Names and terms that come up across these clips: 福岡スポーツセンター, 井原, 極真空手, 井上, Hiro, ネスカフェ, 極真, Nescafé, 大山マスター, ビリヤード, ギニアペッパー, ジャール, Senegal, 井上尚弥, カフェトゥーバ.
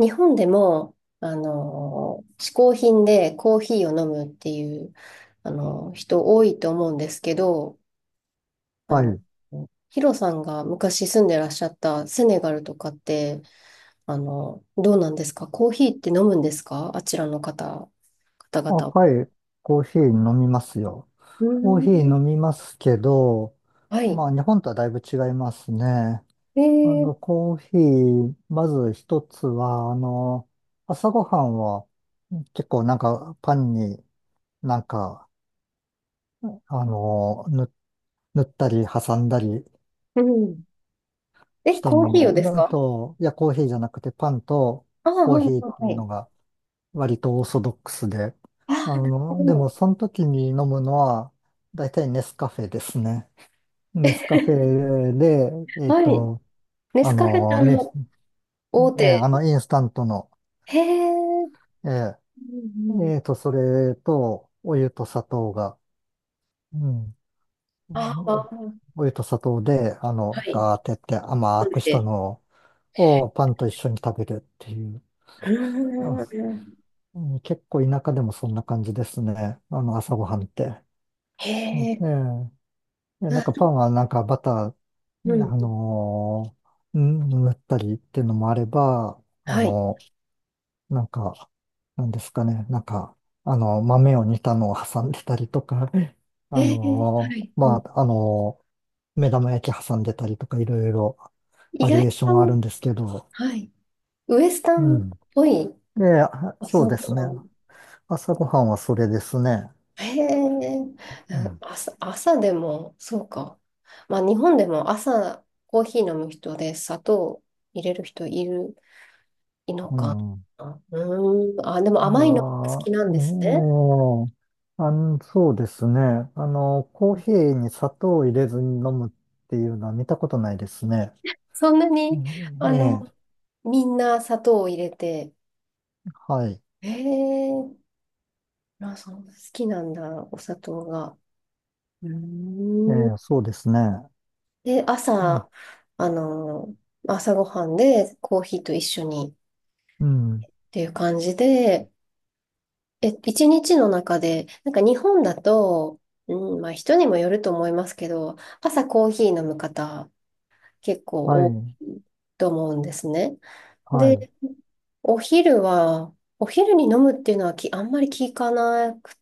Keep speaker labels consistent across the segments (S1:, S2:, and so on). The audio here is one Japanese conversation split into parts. S1: 日本でも、嗜好品でコーヒーを飲むっていう、人多いと思うんですけど、あ
S2: は
S1: の、
S2: い。
S1: ヒロさんが昔住んでらっしゃったセネガルとかって、どうなんですかコーヒーって飲むんですか、あちらの方、方
S2: あ、
S1: 々。
S2: はい。コーヒー飲みますよ。
S1: う
S2: コー
S1: ー
S2: ヒー飲
S1: ん。
S2: みますけど、
S1: はい。
S2: まあ日本とはだいぶ違いますね。
S1: えー、
S2: コーヒー、まず一つは、朝ごはんは結構パンになんか、あの、ぬ、塗ったり挟んだり
S1: うん。
S2: し
S1: え、
S2: た
S1: コー
S2: も
S1: ヒーをです
S2: の。あ
S1: か。
S2: と、いや、コーヒーじゃなくてパンと
S1: ああ、あ
S2: コーヒーって
S1: あ、は
S2: いう
S1: い。
S2: のが割とオーソドックスで。
S1: ああ、なるほ
S2: でも
S1: ど。
S2: その時に飲むのは、大体ネスカフェですね。ネスカフェで、えっ
S1: はい。
S2: と、
S1: ネ
S2: あ
S1: スカフェって
S2: の、みえ
S1: 大
S2: ーあ
S1: 手。
S2: の、インスタントの、
S1: へえ。うん、
S2: え
S1: うん。
S2: それと、お湯と砂糖が、うん、
S1: あ
S2: お
S1: あ、
S2: お湯と砂糖で、
S1: はい。
S2: ガーってやって甘
S1: な
S2: く
S1: の
S2: した
S1: で、
S2: のをパンと一緒に食べるっていう。
S1: うー
S2: あ
S1: ん、
S2: うん結構田舎でもそんな感じですね。朝ごはんって。
S1: へ
S2: うんえ
S1: え、
S2: え、いや、
S1: な
S2: パ
S1: る
S2: ンはバター、
S1: うん、
S2: 塗ったりっていうのもあれば、
S1: はい。
S2: なんか、なんですかね、豆を煮たのを挟んでたりとか、
S1: ええ、はい。うん、
S2: 目玉焼き挟んでたりとか、いろいろ
S1: 意
S2: バリ
S1: 外
S2: エーションある
S1: と、
S2: んですけど、
S1: はい。ウエスタ
S2: う
S1: ンっ
S2: ん。
S1: ぽい。
S2: で、あ
S1: あ、
S2: そう
S1: そう
S2: で
S1: か。
S2: すね。朝ごはんはそれですね。
S1: へえ、うん。
S2: うん。
S1: 朝でも、そうか。まあ、日本でも朝、コーヒー飲む人で砂糖入れる人いる、いの
S2: う
S1: か
S2: ん。
S1: な。うーん、あ、でも
S2: いや
S1: 甘いのが好
S2: ー、
S1: きなんですね。
S2: そうですね。コーヒーに砂糖を入れずに飲むっていうのは見たことないですね。
S1: そんな
S2: う
S1: に、
S2: ん
S1: あの、
S2: ええ、
S1: みんな砂糖を入れて、
S2: はい。
S1: ええ、まあ、そんな好きなんだ、お砂糖が。うー
S2: ええ、
S1: ん。
S2: そうですね。
S1: で、
S2: うん、
S1: 朝、あの、朝ごはんでコーヒーと一緒にっ
S2: うん、
S1: ていう感じで、え、一日の中で、なんか日本だと、うん、まあ人にもよると思いますけど、朝コーヒー飲む方結構
S2: は
S1: 多
S2: い、
S1: いと思うんですね。
S2: はい。
S1: で、お昼は、お昼に飲むっていうのはあんまり聞かなく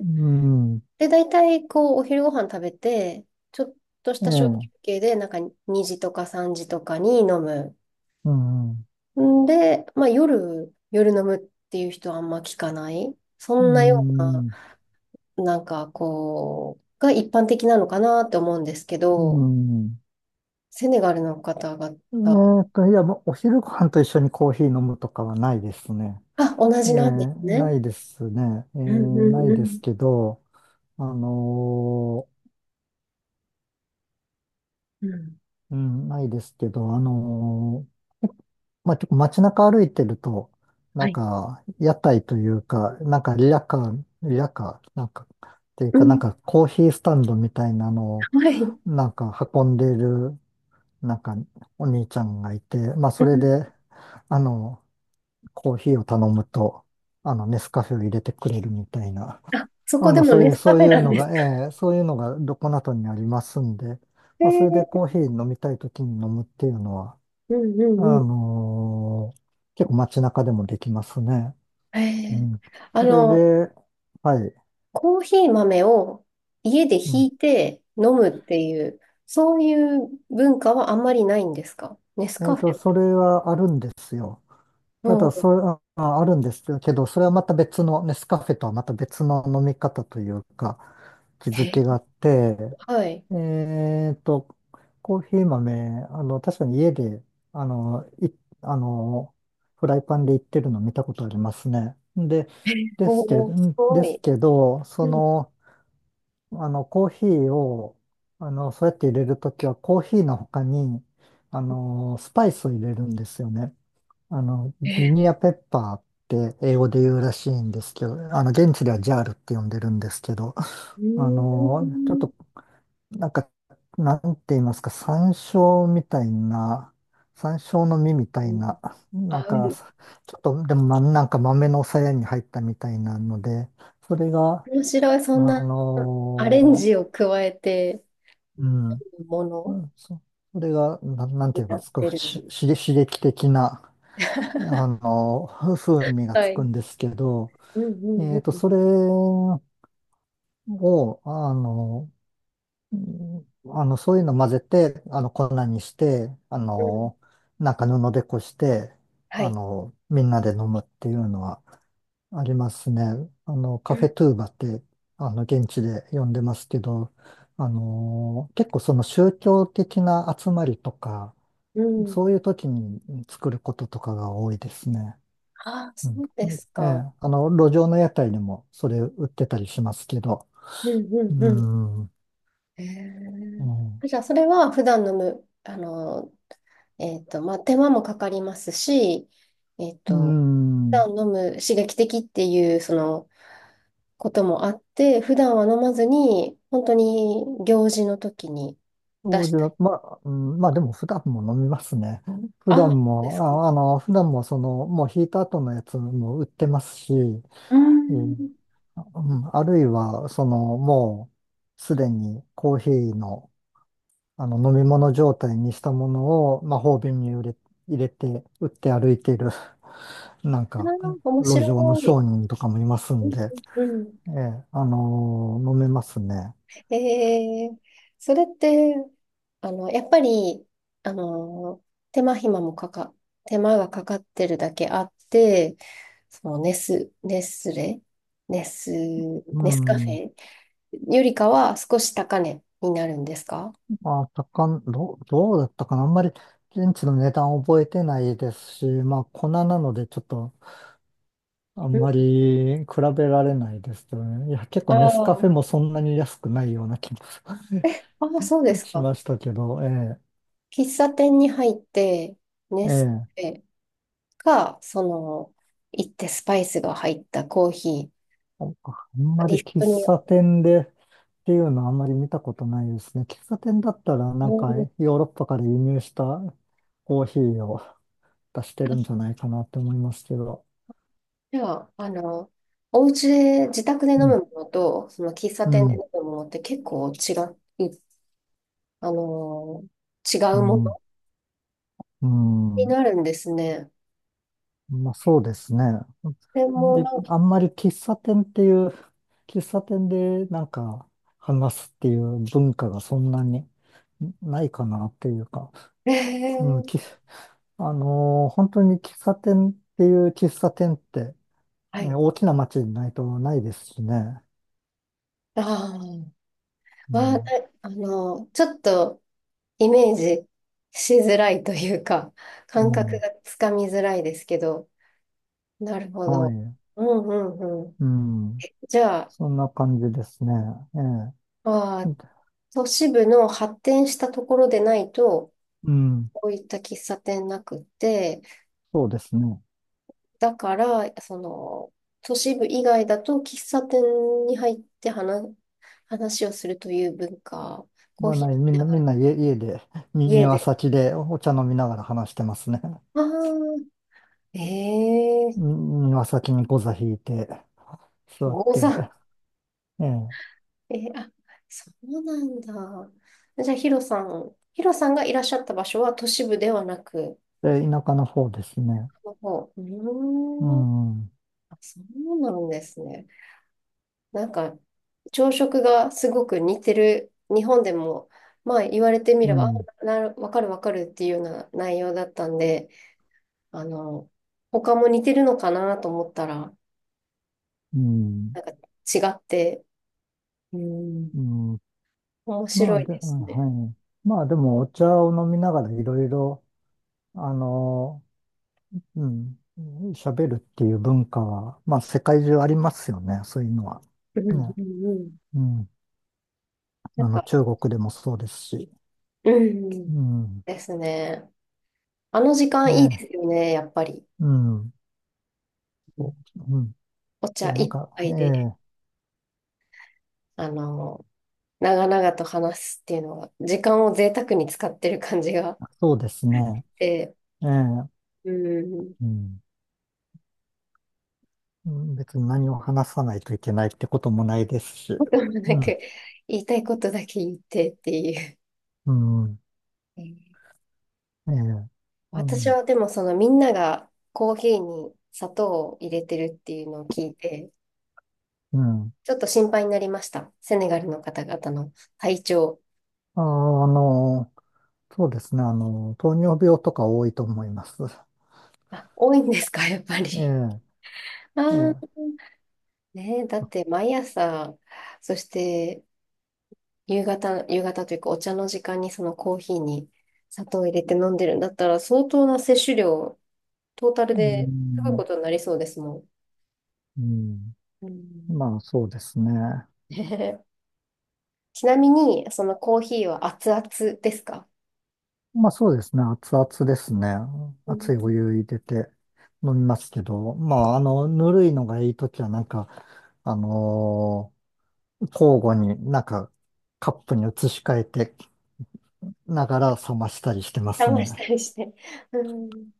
S2: うん、
S1: で、大体、こう、お昼ご飯食べて、ちょっとし
S2: え
S1: た小休
S2: え、
S1: 憩で、なんか2時とか3時とかに飲む。
S2: うん、うん、
S1: んで、まあ夜飲むっていう人はあんま聞かない。そんなよう
S2: う
S1: な、なんかこう、が一般的なのかなって思うんですけど、
S2: ん。
S1: セネガルの方々。
S2: いや、もうお昼ご飯と一緒にコーヒー飲むとかはないですね。
S1: あ、同
S2: ええ、
S1: じなんですね。
S2: ないですね。ええ、
S1: うん、う
S2: な
S1: ん、
S2: い
S1: う
S2: で
S1: ん。
S2: すけど、あのー
S1: うん。
S2: うん、ないですけど、ーまあ、結構街中歩いてると、
S1: はい。
S2: 屋台というか、リヤカー、なんか、っていう
S1: う
S2: か、なん
S1: ん。
S2: かコーヒースタンドみたいなのを、
S1: はい。う
S2: 運んでいる、なんか、お兄ちゃんがいて、まあ、そ
S1: ん。
S2: れで、あの、コーヒーを頼むと、ネスカフェを入れてくれるみたいな、
S1: あ、そこ
S2: あ
S1: で
S2: の、
S1: も
S2: そうい
S1: ネ
S2: う、
S1: スカ
S2: そう
S1: フ
S2: い
S1: ェ
S2: う
S1: なん
S2: の
S1: ですか。
S2: が、ええ、そういうのがどこなどにありますんで、
S1: へ
S2: まあ、それで
S1: え。
S2: コーヒー飲みたいときに飲むっていうのは、
S1: うん、うん、
S2: あ
S1: う
S2: のー結構街中でもできますね。
S1: ん。へ
S2: う
S1: え。
S2: ん。
S1: あ
S2: それ
S1: の、
S2: で、はい。
S1: コーヒー豆を家で
S2: う
S1: ひ
S2: ん。
S1: いて飲むっていう、そういう文化はあんまりないんですか、ネスカフェ。
S2: それはあるんですよ。
S1: う
S2: ただ、
S1: ん。
S2: それ、あ、ああるんですけど、それはまた別の、ネスカフェとはまた別の飲み方というか、気づきがあ
S1: え、
S2: って、
S1: はい。
S2: えっと、コーヒー豆、確かに家で、あの、い、あの、フライパンでいってるの見たことありますね。で、
S1: え、
S2: ですけ
S1: お
S2: ど、
S1: ー、す
S2: ん
S1: ご
S2: です
S1: い。
S2: けど、
S1: うん。
S2: コーヒーを、そうやって入れるときは、コーヒーの他に、スパイスを入れるんですよね。ギ
S1: え、
S2: ニアペッパーって英語で言うらしいんですけど、現地ではジャールって呼んでるんですけど、
S1: う
S2: あ
S1: ー
S2: の、ちょっ
S1: ん。
S2: と、なんか、なんて言いますか、山椒みたいな、山椒の実みたいな、なんか、
S1: あ、
S2: ちょっと、でも、まなんか豆のさやに入ったみたいなので、それが、
S1: 面白い。
S2: あ
S1: そんなアレン
S2: の
S1: ジを加えて
S2: うん。
S1: も
S2: う
S1: の
S2: ん、そ、それが、なんて
S1: に
S2: いう
S1: な
S2: か、
S1: っ
S2: すご
S1: て
S2: く
S1: る。
S2: し、し刺激的な、風味が
S1: は
S2: つく
S1: い。
S2: んですけど、
S1: うん、うん、うん。
S2: それを、あの、うんそういうの混ぜて、粉にして、
S1: うん、
S2: 布でこして、
S1: はい。
S2: みんなで飲むっていうのはありますね。カフェトゥーバって、現地で呼んでますけど、結構その宗教的な集まりとか、
S1: うん。
S2: そういう時に作ることとかが多いですね。
S1: ああ、
S2: う
S1: そ
S2: ん。
S1: うです
S2: え
S1: か。
S2: え、路上の屋台にもそれ売ってたりしますけど。
S1: うん、う
S2: う
S1: ん、うん。
S2: ん。う
S1: へ
S2: ん。
S1: え。じゃあ、それは普段のむ、まあ、手間もかかりますし、えっ
S2: う
S1: と、
S2: ん
S1: 普段飲む刺激的っていう、その、こともあって、普段は飲まずに、本当に行事の時に
S2: そ
S1: 出
S2: う
S1: し
S2: じゃ、
S1: た。
S2: まあ、うん、まあでも普段も飲みますね。
S1: あ、そうですか。
S2: 普段もその、もう引いた後のやつも売ってますし、う
S1: う
S2: ん
S1: ん。
S2: うんあるいは、もうすでにコーヒーの、飲み物状態にしたものを魔法瓶に入れ、入れて、売って歩いている、なん
S1: あ
S2: か、
S1: ー、面
S2: 路上の
S1: 白い。
S2: 商人とかもいます
S1: う
S2: ん
S1: ん。
S2: で、
S1: うん。
S2: ええ、飲めますね。
S1: えー、それって、やっぱり、あの、手間暇もかか、手間がかかってるだけあって、そのネス、ネスレ、ネス、
S2: う
S1: ネスカフ
S2: ん。
S1: ェよりかは少し高値になるんですか。
S2: まあ、高ん、どう、どうだったかな。あんまり、現地の値段覚えてないですし、まあ、粉なので、ちょっと、あん
S1: う
S2: ま
S1: ん。
S2: り比べられないですけどね。いや、結構ネスカフ
S1: あ
S2: ェ
S1: あ、
S2: もそんなに安くないような気も
S1: ああ、そうで す
S2: し
S1: か。
S2: ましたけど、え
S1: 喫茶店に入って、
S2: え、
S1: ネ
S2: え
S1: ス
S2: え。
S1: カフェか、その、行ってスパイスが入ったコーヒ
S2: あん
S1: ー、
S2: まり
S1: リフ
S2: 喫
S1: トに、
S2: 茶店でっていうのはあんまり見たことないですね。喫茶店だったらなん
S1: う
S2: か
S1: ん。
S2: ヨーロッパから輸入したコーヒーを出してるんじゃないかなって思いますけど。
S1: じゃあ、お家で、自宅で飲
S2: う
S1: む
S2: ん、
S1: ものと、その喫茶
S2: う
S1: 店で飲
S2: ん、
S1: むものって結構違う、あの、違
S2: う
S1: うも
S2: ん、
S1: の
S2: う
S1: に
S2: ん。
S1: なるんですね。
S2: まあそうですね。
S1: で
S2: あんま
S1: も、
S2: り、
S1: なんか、
S2: あんまり喫茶店っていう、喫茶店で話すっていう文化がそんなにないかなっていうか。
S1: え
S2: うん、
S1: ー、
S2: き本当に喫茶店っていう喫茶店って、
S1: は
S2: えー
S1: い。
S2: 大きな街にないとないですしね。
S1: あ
S2: う
S1: あ、
S2: ん。
S1: ちょっとイメージしづらいというか、
S2: う
S1: 感覚
S2: ん。
S1: がつかみづらいですけど、なるほ
S2: は
S1: ど。
S2: い。
S1: うん、うん、うん。
S2: うん。
S1: じゃあ、
S2: そんな感じですね。え
S1: あー、
S2: え。
S1: 都市部の発展したところでないと、
S2: うん。
S1: こういった喫茶店なくって、
S2: そうですね。
S1: だから、その、都市部以外だと喫茶店に入って話をするという文化、コー
S2: まあ、
S1: ヒー
S2: ない、
S1: 飲
S2: み
S1: み
S2: ん
S1: な
S2: な、
S1: がら
S2: 家で、に、
S1: 家
S2: 庭
S1: で。
S2: 先でお茶飲みながら話してますね。
S1: ああ、ええー、
S2: に庭先にゴ座引いて、座
S1: ゴ
S2: って、ええ。
S1: えー、あ、そうなんだ。じゃあ、ヒロさんがいらっしゃった場所は都市部ではなく、
S2: で、田舎の方ですね。
S1: もう、う
S2: う
S1: ーん、
S2: ん。う
S1: あ、そうなんですね。なんか、朝食がすごく似てる、日本でも、まあ言われてみれば、
S2: ん。
S1: あ、わかるわかるっていうような内容だったんで、あの、他も似てるのかなと思ったら
S2: うん。
S1: 違って、うん、
S2: うん。
S1: 面
S2: まあ
S1: 白い
S2: で、
S1: で
S2: うん
S1: すね。
S2: はい。まあでもお茶を飲みながらいろいろ、あの、うん、喋るっていう文化は、まあ世界中ありますよね、そういうのは。
S1: うん、う
S2: ね、
S1: ん、うん。
S2: うん。
S1: なんか、
S2: 中国でもそうですし。
S1: うん、
S2: うん。
S1: ですね。あの時間いい
S2: ね、
S1: ですよね、やっぱり。
S2: うん。
S1: う
S2: そ
S1: ん。
S2: う、うん。
S1: お
S2: そ
S1: 茶
S2: う、
S1: 一
S2: え
S1: 杯で、
S2: え、
S1: あの、長々と話すっていうのは、時間を贅沢に使ってる感じがあっ
S2: そうですね。
S1: て、
S2: ええ、
S1: うん。
S2: うん。うん別に何を話さないといけないってこともないですし。
S1: こともな
S2: うん。
S1: く、言いたいことだけ言ってっていう。
S2: うん。
S1: えー
S2: ええ、う
S1: 私
S2: ん。
S1: はでもそのみんながコーヒーに砂糖を入れてるっていうのを聞いて、
S2: うん。
S1: ちょっと心配になりました。セネガルの方々の体調。
S2: あーあのそうですね。糖尿病とか多いと思います。
S1: あ、多いんですか、やっぱ
S2: え
S1: り。
S2: え、
S1: あ
S2: ええ、
S1: あ、ねえ、だって毎朝、そして夕方というかお茶の時間にそのコーヒーに砂糖を入れて飲んでるんだったら相当な摂取量、トータル
S2: う
S1: ですごい
S2: ん、
S1: ことになりそうですもん。
S2: うん。
S1: うん、
S2: まあ、そうですね。
S1: ね。 ちなみに、そのコーヒーは熱々ですか。
S2: まあ、そうですね。熱々ですね。
S1: う
S2: 熱い
S1: ん。
S2: お湯入れて飲みますけど、まあ、ぬるいのがいいときは、あの交互にカップに移し替えてながら冷ましたりしてます
S1: 冷ました
S2: ね。
S1: りして。うん。